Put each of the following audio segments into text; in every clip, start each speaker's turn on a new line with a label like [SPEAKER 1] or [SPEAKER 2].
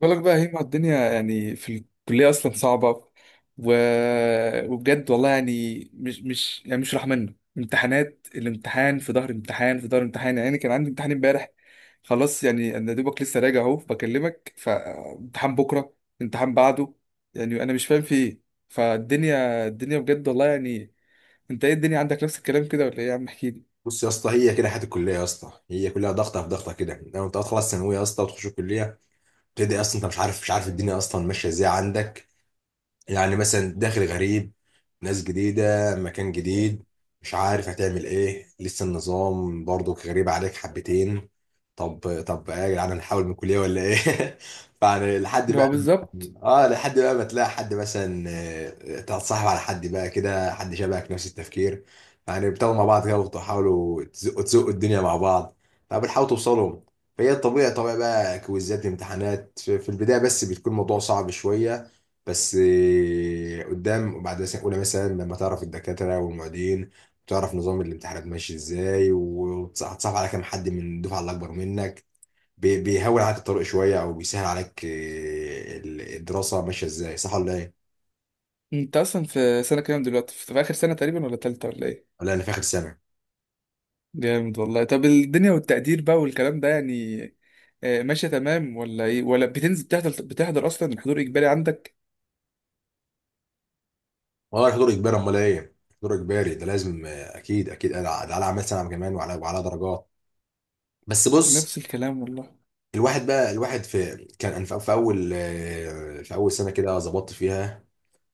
[SPEAKER 1] بقولك بقى هيما، الدنيا في الكلية أصلا صعبة و... وبجد والله يعني مش مش يعني مش راح منه امتحانات، الامتحان في ظهر امتحان في ظهر امتحان. يعني كان عندي امتحان امبارح خلاص، يعني أنا دوبك لسه راجع أهو بكلمك، فامتحان بكرة، امتحان بعده. يعني أنا مش فاهم في إيه. فالدنيا الدنيا بجد والله يعني. أنت إيه، الدنيا عندك نفس الكلام كده ولا إيه يا عم؟ احكيلي.
[SPEAKER 2] بص يا اسطى، هي كده حياه الكليه يا اسطى، هي كلها ضغطه في ضغطه كده. لما انت تخلص ثانويه يا اسطى وتخش الكليه تبدا اصلا. انت مش عارف الدنيا اصلا ماشيه ازاي عندك. يعني مثلا داخل غريب، ناس جديدة، مكان جديد، مش عارف هتعمل ايه، لسه النظام برضك غريب عليك حبتين. طب ايه يا جدعان، هنحاول من كلية ولا ايه؟ فيعني لحد
[SPEAKER 1] اللي هو
[SPEAKER 2] بقى،
[SPEAKER 1] بالظبط.
[SPEAKER 2] اه، لحد بقى ما تلاقي حد مثلا، تتصاحب على حد بقى كده، حد شبهك نفس التفكير. يعني بتاخدوا مع بعض كده وتحاولوا تزقوا الدنيا مع بعض، فبتحاولوا توصلوا. فهي طبيعي بقى، كويزات امتحانات في البداية، بس بتكون الموضوع صعب شوية. بس قدام بعد سنة أولى مثلا لما تعرف الدكاترة والمعيدين، وتعرف نظام الامتحانات ماشي ازاي، وتصعب على كام حد من الدفعة اللي أكبر منك، بيهون عليك الطريق شوية، أو بيسهل عليك الدراسة ماشية ازاي، صح ولا إيه؟
[SPEAKER 1] أنت أصلا في سنة كام دلوقتي؟ في في آخر سنة تقريبا ولا تالتة ولا إيه؟
[SPEAKER 2] ولا أنا في آخر سنة؟
[SPEAKER 1] جامد والله. طب الدنيا والتقدير بقى والكلام ده يعني ماشية تمام ولا ايه؟ ولا بتنزل بتحضر؟ بتحضر اصلا، الحضور اجباري عندك؟
[SPEAKER 2] والله الحضور إجباري، أمال إيه؟ الحضور إجباري ده لازم، أكيد أكيد. ده على أعمال سنة كمان، وعلى درجات. بس بص،
[SPEAKER 1] نفس الكلام والله.
[SPEAKER 2] الواحد بقى الواحد في كان أنا في في أول آه، في أول سنة كده ظبطت فيها،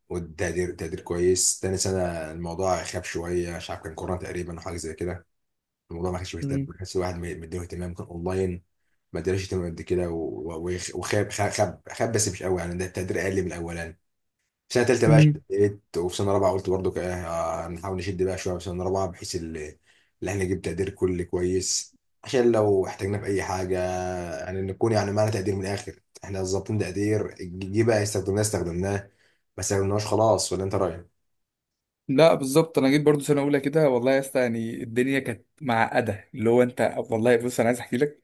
[SPEAKER 2] والتقدير تقدير كويس. تاني سنة الموضوع خاب شوية، مش عارف، كان كورونا تقريبا وحاجة زي كده. الموضوع ما كانش مهتم،
[SPEAKER 1] مم.
[SPEAKER 2] ما كانش الواحد مديله اهتمام، كان اونلاين. ما ادالوش اهتمام قد كده و- و- وخاب، خاب بس مش قوي يعني، ده التقدير اقل من الاولاني. في سنة تالتة بقى
[SPEAKER 1] مم.
[SPEAKER 2] شديت، وفي سنة رابعة قلت برضو كده، نحاول نشد بقى شوية في سنة رابعة، بحيث ان احنا نجيب تقدير كلي كويس، عشان لو احتاجنا في اي حاجة. يعني نكون يعني معنا تقدير من الاخر، احنا ظابطين تقدير، جه بقى استخدمناه، ما استخدمناهوش خلاص. ولا انت رايك؟
[SPEAKER 1] لا بالظبط، انا جيت برضو سنه اولى كده والله يا اسطى، يعني الدنيا كانت معقده. اللي هو انت والله بص، انا عايز احكي لك.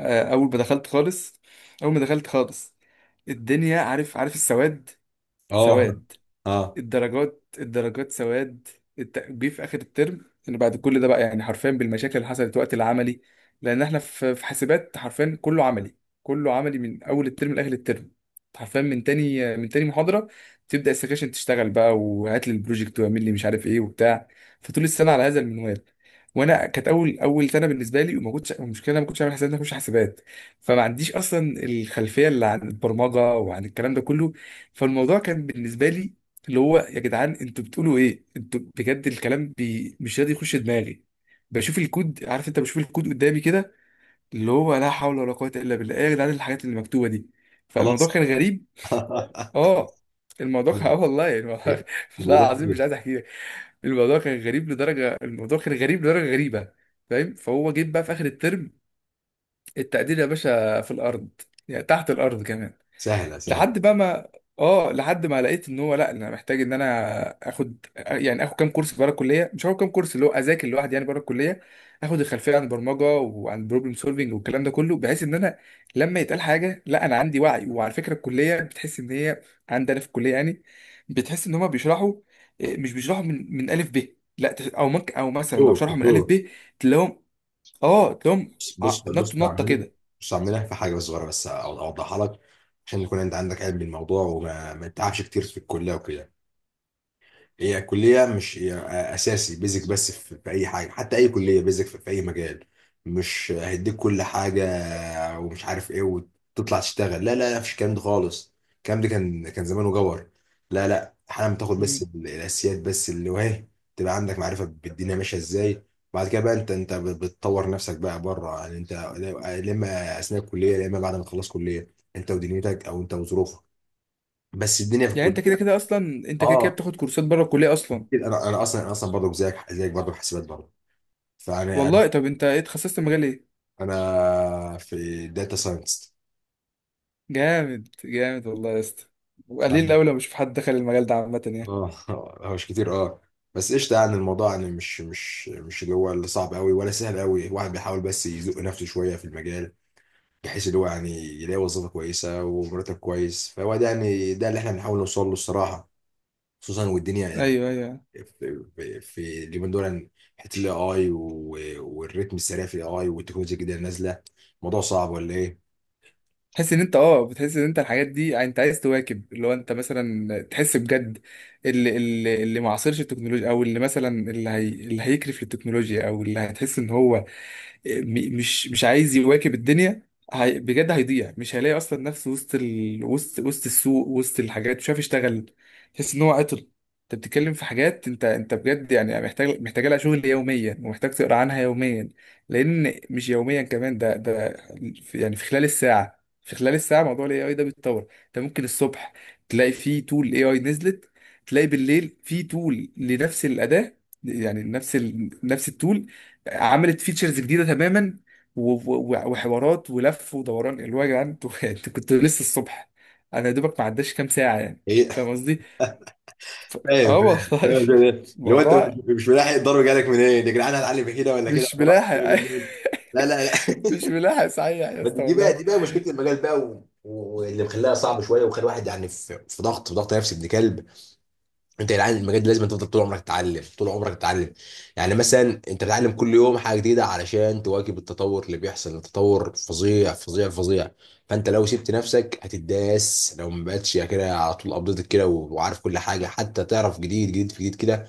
[SPEAKER 1] اول ما دخلت خالص، اول ما دخلت خالص الدنيا، عارف؟ عارف السواد،
[SPEAKER 2] اه،
[SPEAKER 1] سواد
[SPEAKER 2] اه،
[SPEAKER 1] الدرجات، الدرجات سواد. جه في اخر الترم ان بعد كل ده بقى يعني حرفيا، بالمشاكل اللي حصلت وقت العملي. لان احنا في حاسبات حرفيا كله عملي، كله عملي من اول الترم لاخر الترم. حرفيا من تاني محاضره تبدا السكاشن تشتغل بقى، وهات لي البروجكت، واعمل لي مش عارف ايه وبتاع. فطول السنه على هذا المنوال. وانا كانت اول سنه بالنسبه لي، وما كنتش، المشكله أنا ما كنتش عامل حساب ان أنا اخش حاسبات، فما عنديش اصلا الخلفيه اللي عن البرمجه وعن الكلام ده كله. فالموضوع كان بالنسبه لي اللي هو يا جدعان انتوا بتقولوا ايه؟ انتوا بجد الكلام مش راضي يخش دماغي. بشوف الكود، عارف انت؟ بشوف الكود قدامي كده اللي هو لا حول ولا قوة الا بالله، ايه يا جدعان الحاجات اللي مكتوبة دي؟ فالموضوع
[SPEAKER 2] خلاص.
[SPEAKER 1] كان غريب. اه الموضوع كان اه والله يعني، والله والله
[SPEAKER 2] الولاد
[SPEAKER 1] العظيم
[SPEAKER 2] كده.
[SPEAKER 1] مش عايز احكي لك. الموضوع كان غريب لدرجة، الموضوع كان غريب لدرجة غريبة، فاهم؟ فهو جيب بقى في اخر الترم التقدير يا باشا في الارض، يعني تحت الارض كمان.
[SPEAKER 2] سهله، سهله.
[SPEAKER 1] لحد بقى ما، اه لحد ما لقيت ان هو، لا انا محتاج ان انا اخد يعني اخد كام كورس بره الكليه، مش هاخد كام كورس اللي هو اذاكر لوحدي يعني بره الكليه، اخد الخلفيه عن البرمجه وعن البروبلم سولفنج والكلام ده كله، بحيث ان انا لما يتقال حاجه لا انا عندي وعي. وعلى فكره الكليه بتحس ان هي، عندنا في الكليه يعني، بتحس ان هما بيشرحوا، مش بيشرحوا من الف ب. لا او ممكن، او مثلا لو
[SPEAKER 2] شوف،
[SPEAKER 1] شرحوا من الف
[SPEAKER 2] شوف.
[SPEAKER 1] ب تلاقيهم، اه تلاقيهم
[SPEAKER 2] بص، بص،
[SPEAKER 1] نط
[SPEAKER 2] بص يا
[SPEAKER 1] نطه
[SPEAKER 2] عمنا.
[SPEAKER 1] كده.
[SPEAKER 2] بص يا عمنا، في حاجه صغيره بس اوضحها لك، عشان يكون انت عندك علم بالموضوع، وما ما تتعبش كتير في الكليه وكده. هي كلية مش هي أساسي بيزك بس في أي حاجة، حتى أي كلية بيزك في أي مجال، مش هيديك كل حاجة ومش عارف إيه وتطلع تشتغل. لا لا لا، مفيش الكلام ده خالص، الكلام ده كان زمانه جور. لا لا، حالا بتاخد بس
[SPEAKER 1] مم.
[SPEAKER 2] الأساسيات بس، اللي وهي تبقى عندك معرفة بالدنيا ماشية إزاي. بعد كده بقى أنت بتطور نفسك بقى بره، يعني أنت لا إما أثناء الكلية لا إما بعد ما تخلص كلية، أنت ودنيتك أو أنت وظروفك. بس الدنيا في
[SPEAKER 1] يعني انت كده
[SPEAKER 2] الكلية.
[SPEAKER 1] كده اصلا، انت كده كده
[SPEAKER 2] اه
[SPEAKER 1] بتاخد كورسات بره الكليه اصلا.
[SPEAKER 2] أكيد، انا اصلا برضه، زيك برضه حاسبات برضه. فانا
[SPEAKER 1] والله طب انت ايه، اتخصصت مجال ايه؟
[SPEAKER 2] أنا في داتا ساينس.
[SPEAKER 1] جامد جامد والله يا اسطى، وقليل قوي لما بشوف حد دخل المجال ده عامه يعني.
[SPEAKER 2] اه هو مش كتير، اه. بس قشطه يعني، الموضوع يعني مش اللي هو اللي صعب قوي ولا سهل قوي، الواحد بيحاول بس يزق نفسه شويه في المجال، بحيث اللي هو يعني يلاقي وظيفه كويسه ومرتب كويس، فهو ده يعني ده اللي احنا بنحاول نوصل له الصراحه. خصوصا والدنيا
[SPEAKER 1] ايوه ايوه.
[SPEAKER 2] في في اليومين دول يعني، حته الاي اي، والريتم السريع في الاي اي والتكنولوجيا الجديده اللي نازله. الموضوع صعب ولا ايه؟
[SPEAKER 1] تحس ان انت، اه بتحس ان انت الحاجات دي، يعني انت عايز تواكب، اللي هو انت مثلا تحس بجد اللي معاصرش التكنولوجيا، او اللي مثلا اللي هي اللي هيكرف للتكنولوجيا، او اللي هتحس ان هو مش عايز يواكب الدنيا، هي بجد هيضيع، مش هيلاقي اصلا نفسه وسط وسط السوق، وسط الحاجات مش عارف يشتغل، تحس ان هو عطل. انت بتتكلم في حاجات انت، انت بجد يعني محتاج، محتاج لها شغل يوميا، ومحتاج تقرا عنها يوميا. لان مش يوميا كمان، ده ده يعني في خلال الساعه، في خلال الساعه موضوع الاي اي ده بيتطور. انت ممكن الصبح تلاقي فيه تول اي اي نزلت، تلاقي بالليل فيه تول لنفس الاداه، يعني نفس التول عملت فيتشرز جديده تماما، وحوارات ولف ودوران، اللي هو يا جدعان انتوا انتوا كنتوا لسه الصبح، انا يا دوبك ما عداش كام ساعه يعني.
[SPEAKER 2] هي
[SPEAKER 1] فاهم قصدي؟ ف...
[SPEAKER 2] فاهم
[SPEAKER 1] اه
[SPEAKER 2] فاهم
[SPEAKER 1] والله.
[SPEAKER 2] فاهم. اللي هو انت مش
[SPEAKER 1] الموضوع.
[SPEAKER 2] مش ملاحق، الضرب جالك منين، يا جدعان هتعلم كده ولا كده
[SPEAKER 1] مش
[SPEAKER 2] ولا
[SPEAKER 1] ملاحق.
[SPEAKER 2] لا لا لا.
[SPEAKER 1] مش ملاحق صحيح يا اسطى
[SPEAKER 2] دي بقى
[SPEAKER 1] والله.
[SPEAKER 2] دي بقى مشكله المجال بقى، و- و- واللي مخليها صعب شويه، ومخلي الواحد يعني في ضغط، في ضغط نفسي ابن كلب. انت يا جدعان المجال ده لازم تفضل طول عمرك تتعلم، طول عمرك تتعلم. يعني مثلا انت بتتعلم كل يوم حاجه جديده علشان تواكب التطور اللي بيحصل، التطور فظيع فظيع فظيع. فانت لو سبت نفسك هتداس، لو ما بقتش كده على طول ابديت كده وعارف كل حاجه، حتى تعرف جديد جديد في جديد كده،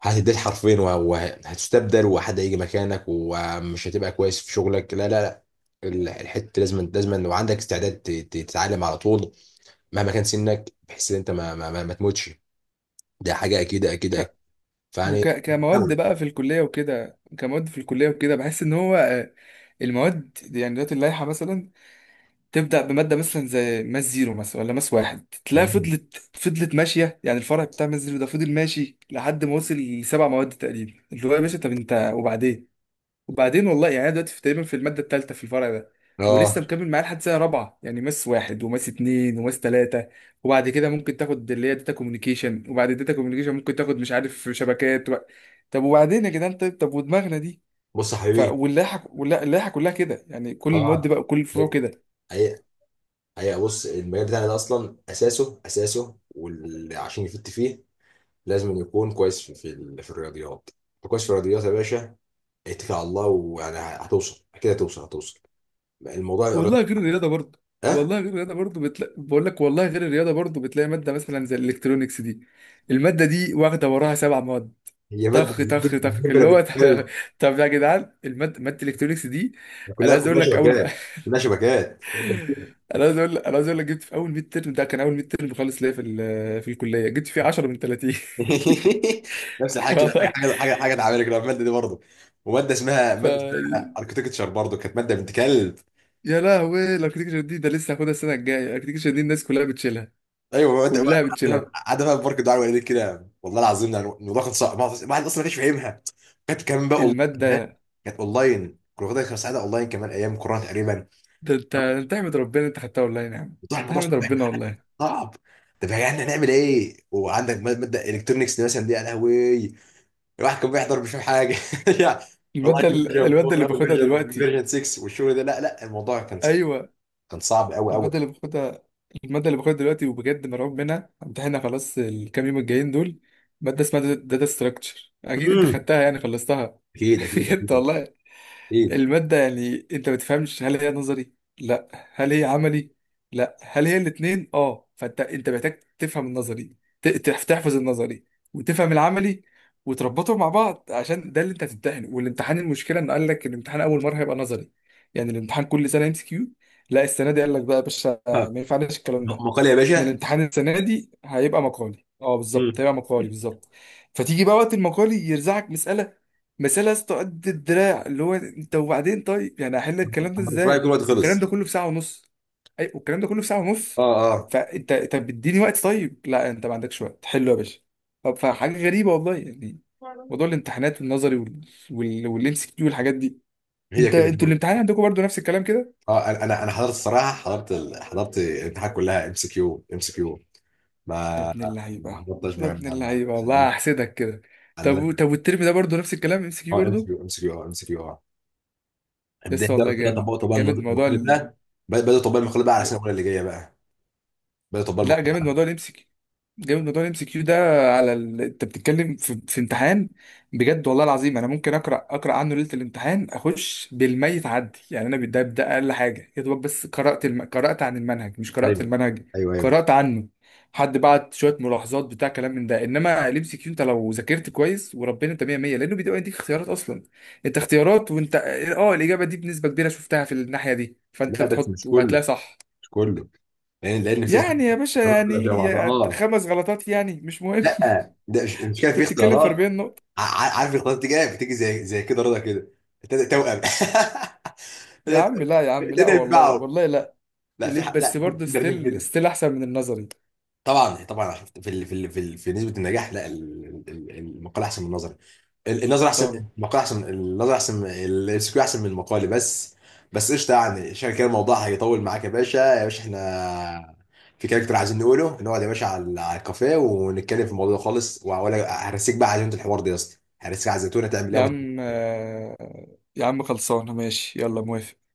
[SPEAKER 2] هتديه حرفين وهتستبدل، وحد هيجي مكانك ومش هتبقى كويس في شغلك. لا لا لا، الحته لازم لازم، لو عندك استعداد تتعلم على طول، مهما كان سنك، بحيث ان انت ما تموتش. ده حاجه اكيد اكيد اكيد.
[SPEAKER 1] ك-
[SPEAKER 2] فيعني
[SPEAKER 1] كمواد
[SPEAKER 2] حاول.
[SPEAKER 1] بقى في الكليه وكده، كمواد في الكليه وكده بحس ان هو المواد يعني دلوقتي اللائحه مثلا تبدأ بمادة مثلا زي ماس زيرو مثلا ولا ماس واحد، تلاقي
[SPEAKER 2] مم.
[SPEAKER 1] فضلت ماشية يعني الفرع بتاع ماس زيرو ده فضل ماشي لحد ما وصل لسبع مواد تقريبا، اللي هو يا باشا طب انت وبعدين؟ وبعدين والله يعني انا دلوقتي في تقريبا، في المادة التالتة في الفرع ده، ولسه
[SPEAKER 2] اه،
[SPEAKER 1] مكمل معاه لحد سنة رابعة، يعني ماس واحد وماس اتنين وماس تلاتة، وبعد كده ممكن تاخد اللي هي داتا كوميونيكيشن، وبعد الداتا كوميونيكيشن ممكن تاخد مش عارف شبكات طب وبعدين يا جدعان؟ طيب طب ودماغنا دي؟
[SPEAKER 2] بص يا حبيبي.
[SPEAKER 1] واللائحة كلها كده، يعني كل المواد
[SPEAKER 2] اه،
[SPEAKER 1] بقى، كل الفروع
[SPEAKER 2] حقيقة
[SPEAKER 1] كده.
[SPEAKER 2] حقيقة حقيقة. بص، المجال بتاعنا ده أصلا أساسه واللي عشان يفت فيه لازم يكون كويس في الرياضيات. كويس في الرياضيات يا باشا، اتكل على الله ويعني هتوصل، اكيد هتوصل هتوصل. الموضوع الرياضة.
[SPEAKER 1] والله غير الرياضه برضه،
[SPEAKER 2] ها،
[SPEAKER 1] والله غير الرياضه برضه بتلاقي، بقول لك والله غير الرياضه برضه بتلاقي ماده مثلا زي الالكترونيكس دي، الماده دي واخده وراها سبع مواد
[SPEAKER 2] هي ماده
[SPEAKER 1] طخ طخ طخ،
[SPEAKER 2] الدبله
[SPEAKER 1] اللي هو
[SPEAKER 2] بتتكلم.
[SPEAKER 1] طب يا جدعان الماده، ماده الالكترونيكس دي انا
[SPEAKER 2] كلها
[SPEAKER 1] عايز اقول
[SPEAKER 2] كلها
[SPEAKER 1] لك اول
[SPEAKER 2] شبكات. كلها شبكات.
[SPEAKER 1] انا عايز اقول لك، انا عايز اقول لك جبت في اول ميد ترم، ده كان اول ميد ترم خالص ليا في في الكليه، جبت فيه 10 من 30.
[SPEAKER 2] نفس الحاجه كده،
[SPEAKER 1] والله.
[SPEAKER 2] حاجه اتعملت كده، الماده دي برضه. وماده اسمها
[SPEAKER 1] ف
[SPEAKER 2] ماده اسمها اركتكتشر برضه، كانت ماده بنت كلب.
[SPEAKER 1] يا لهوي، الاركتكشر دي ده لسه هاخدها السنه الجايه. الاركتكشر دي الناس كلها بتشيلها،
[SPEAKER 2] ايوه ماده،
[SPEAKER 1] كلها بتشيلها.
[SPEAKER 2] قاعده بقى في بارك الدعاء والدتي كده، والله العظيم يعني الموضوع كان صعب، الواحد اصلا ما كانش فاهمها، كانت كمان بقى اونلاين كمان.
[SPEAKER 1] الماده
[SPEAKER 2] كانت اونلاين، كنا واخدها، كانت ساعتها اونلاين كمان ايام كورونا تقريبا.
[SPEAKER 1] ده انت، انت احمد ربنا انت خدتها والله. نعم،
[SPEAKER 2] الموضوع
[SPEAKER 1] تحمد
[SPEAKER 2] صعب يا
[SPEAKER 1] ربنا
[SPEAKER 2] جدعان،
[SPEAKER 1] والله.
[SPEAKER 2] صعب. طب يا جدعان نعمل ايه وعندك مادة مادة الكترونكس دي مثلا، دي يا لهوي. الواحد كان بيحضر مش فاهم حاجه. يعني والله فيرجن
[SPEAKER 1] المادة اللي
[SPEAKER 2] 4
[SPEAKER 1] باخدها
[SPEAKER 2] فيرجن
[SPEAKER 1] دلوقتي.
[SPEAKER 2] فيرجن 6 والشغل ده، لا لا الموضوع كان صعب،
[SPEAKER 1] ايوه.
[SPEAKER 2] كان صعب قوي قوي.
[SPEAKER 1] المادة اللي باخدها، المادة اللي باخدها دلوقتي وبجد مرعوب منها، امتحانها خلاص الكام يوم الجايين دول. مادة اسمها داتا ستراكشر، اكيد انت
[SPEAKER 2] امم،
[SPEAKER 1] خدتها يعني خلصتها.
[SPEAKER 2] اكيد اكيد
[SPEAKER 1] بجد
[SPEAKER 2] اكيد
[SPEAKER 1] والله.
[SPEAKER 2] اكيد.
[SPEAKER 1] المادة يعني انت ما بتفهمش هل هي نظري؟ لا. هل هي عملي؟ لا. هل هي الاتنين؟ اه. فانت، انت محتاج تفهم النظري، تحفظ النظري وتفهم العملي، وتربطهم مع بعض، عشان ده اللي انت هتمتحنه. والامتحان، المشكلة انه قال لك الامتحان اول مرة هيبقى نظري، يعني الامتحان كل سنة ام سي كيو. لا السنة دي قال لك بقى يا باشا
[SPEAKER 2] ها،
[SPEAKER 1] ما ينفعناش الكلام ده،
[SPEAKER 2] مقال يا
[SPEAKER 1] احنا
[SPEAKER 2] باشا.
[SPEAKER 1] الامتحان السنه دي هيبقى مقالي. اه بالظبط،
[SPEAKER 2] امم،
[SPEAKER 1] هيبقى مقالي بالظبط. فتيجي بقى وقت المقالي يرزعك مساله، مساله يا اسطى قد الدراع، اللي هو انت وبعدين طيب يعني هحل الكلام ده
[SPEAKER 2] اما تقرا يكون
[SPEAKER 1] ازاي
[SPEAKER 2] الوقت
[SPEAKER 1] والكلام
[SPEAKER 2] خلص.
[SPEAKER 1] ده كله في ساعه ونص؟ اي والكلام ده كله في ساعه ونص.
[SPEAKER 2] اه اه،
[SPEAKER 1] فانت طب اديني وقت، طيب لا انت ما عندكش وقت، حلو يا باشا. طب فحاجه غريبه والله يعني، موضوع الامتحانات والنظري والام سي كيو والحاجات دي.
[SPEAKER 2] هي
[SPEAKER 1] انت،
[SPEAKER 2] كده.
[SPEAKER 1] انتوا الامتحان عندكم برضو نفس الكلام كده؟
[SPEAKER 2] اه، انا أنا حضرت الصراحه، حضرت حضرت الامتحانات كلها ام سي كيو ام سي كيو.
[SPEAKER 1] يا
[SPEAKER 2] ما
[SPEAKER 1] ابن
[SPEAKER 2] ما
[SPEAKER 1] اللعيبة،
[SPEAKER 2] حضرتش،
[SPEAKER 1] يا
[SPEAKER 2] ما...
[SPEAKER 1] ابن
[SPEAKER 2] ما... ما...
[SPEAKER 1] اللعيبة والله، هحسدك كده. طب
[SPEAKER 2] عندنا.
[SPEAKER 1] طب والترم ده برضو نفس الكلام ام سي كيو
[SPEAKER 2] اه ام سي
[SPEAKER 1] برضو؟
[SPEAKER 2] كيو ام سي كيو، اه ام سي كيو، اه.
[SPEAKER 1] لسه
[SPEAKER 2] بدأ
[SPEAKER 1] والله،
[SPEAKER 2] بدأ
[SPEAKER 1] جامد
[SPEAKER 2] طبقوا، طبقوا
[SPEAKER 1] جامد موضوع.
[SPEAKER 2] المقالة ده. بدأ طبقوا المقالة بقى على السنة الأولى اللي جاية بقى. بدأ طبقوا
[SPEAKER 1] لا جامد
[SPEAKER 2] المقالة.
[SPEAKER 1] موضوع الام سي كيو، جامد موضوع الام سي كيو ده. على انت بتتكلم في... امتحان، بجد والله العظيم انا ممكن اقرا، اقرا عنه ليله الامتحان اخش بالميت عدي، يعني انا ده ده اقل حاجه يا دوبك. بس قرات قرات عن المنهج مش قرات
[SPEAKER 2] ايوه
[SPEAKER 1] المنهج،
[SPEAKER 2] ايوه ايوه.
[SPEAKER 1] قرات عنه. حد بعت شويه ملاحظات بتاع كلام من ده، انما الام سي كيو انت لو ذاكرت كويس وربنا انت 100 100، لانه بيدي يديك اختيارات اصلا. انت اختيارات، وانت اه الاجابه دي بنسبه كبيره شفتها في الناحيه دي، فانت
[SPEAKER 2] لا بس
[SPEAKER 1] بتحط
[SPEAKER 2] مش كله،
[SPEAKER 1] وهتلاقيها صح.
[SPEAKER 2] مش كله، لأن في ساعات
[SPEAKER 1] يعني يا باشا
[SPEAKER 2] اختيارات
[SPEAKER 1] يعني،
[SPEAKER 2] بتبقى شبه بعضها،
[SPEAKER 1] يا
[SPEAKER 2] اه.
[SPEAKER 1] خمس غلطات يعني مش مهم.
[SPEAKER 2] لا ده مش كده، في
[SPEAKER 1] انت بتتكلم في
[SPEAKER 2] اختيارات،
[SPEAKER 1] 40 نقطة.
[SPEAKER 2] عارف الاختيارات دي جايه، بتيجي زي كده رضا كده، توأم.
[SPEAKER 1] يا عم لا، يا عم لا،
[SPEAKER 2] تبدأ
[SPEAKER 1] والله
[SPEAKER 2] ينفعوا.
[SPEAKER 1] والله لا.
[SPEAKER 2] لا في
[SPEAKER 1] ليه
[SPEAKER 2] حق،
[SPEAKER 1] بس؟
[SPEAKER 2] لا في
[SPEAKER 1] برضه
[SPEAKER 2] مدربين
[SPEAKER 1] ستيل
[SPEAKER 2] كده.
[SPEAKER 1] ستيل احسن من النظري.
[SPEAKER 2] طبعا طبعا، عشان في نسبة النجاح، لا المقالة أحسن من النظري. النظر احسن،
[SPEAKER 1] طبعا.
[SPEAKER 2] المقال احسن، النظر احسن، السكيو احسن من المقال بس. بس قشطه يعني، عشان كده الموضوع هيطول معاك. يا باشا، احنا في كاركتر عايزين نقوله، نقعد يا باشا على على الكافيه ونتكلم في الموضوع ده خالص، ولا هرسيك بقى على عزيمه الحوار ده يا اسطى، هرسيك على الزيتونه تعمل
[SPEAKER 1] يا
[SPEAKER 2] ايه؟
[SPEAKER 1] عم يا عم خلصانة ماشي، يلا موافق.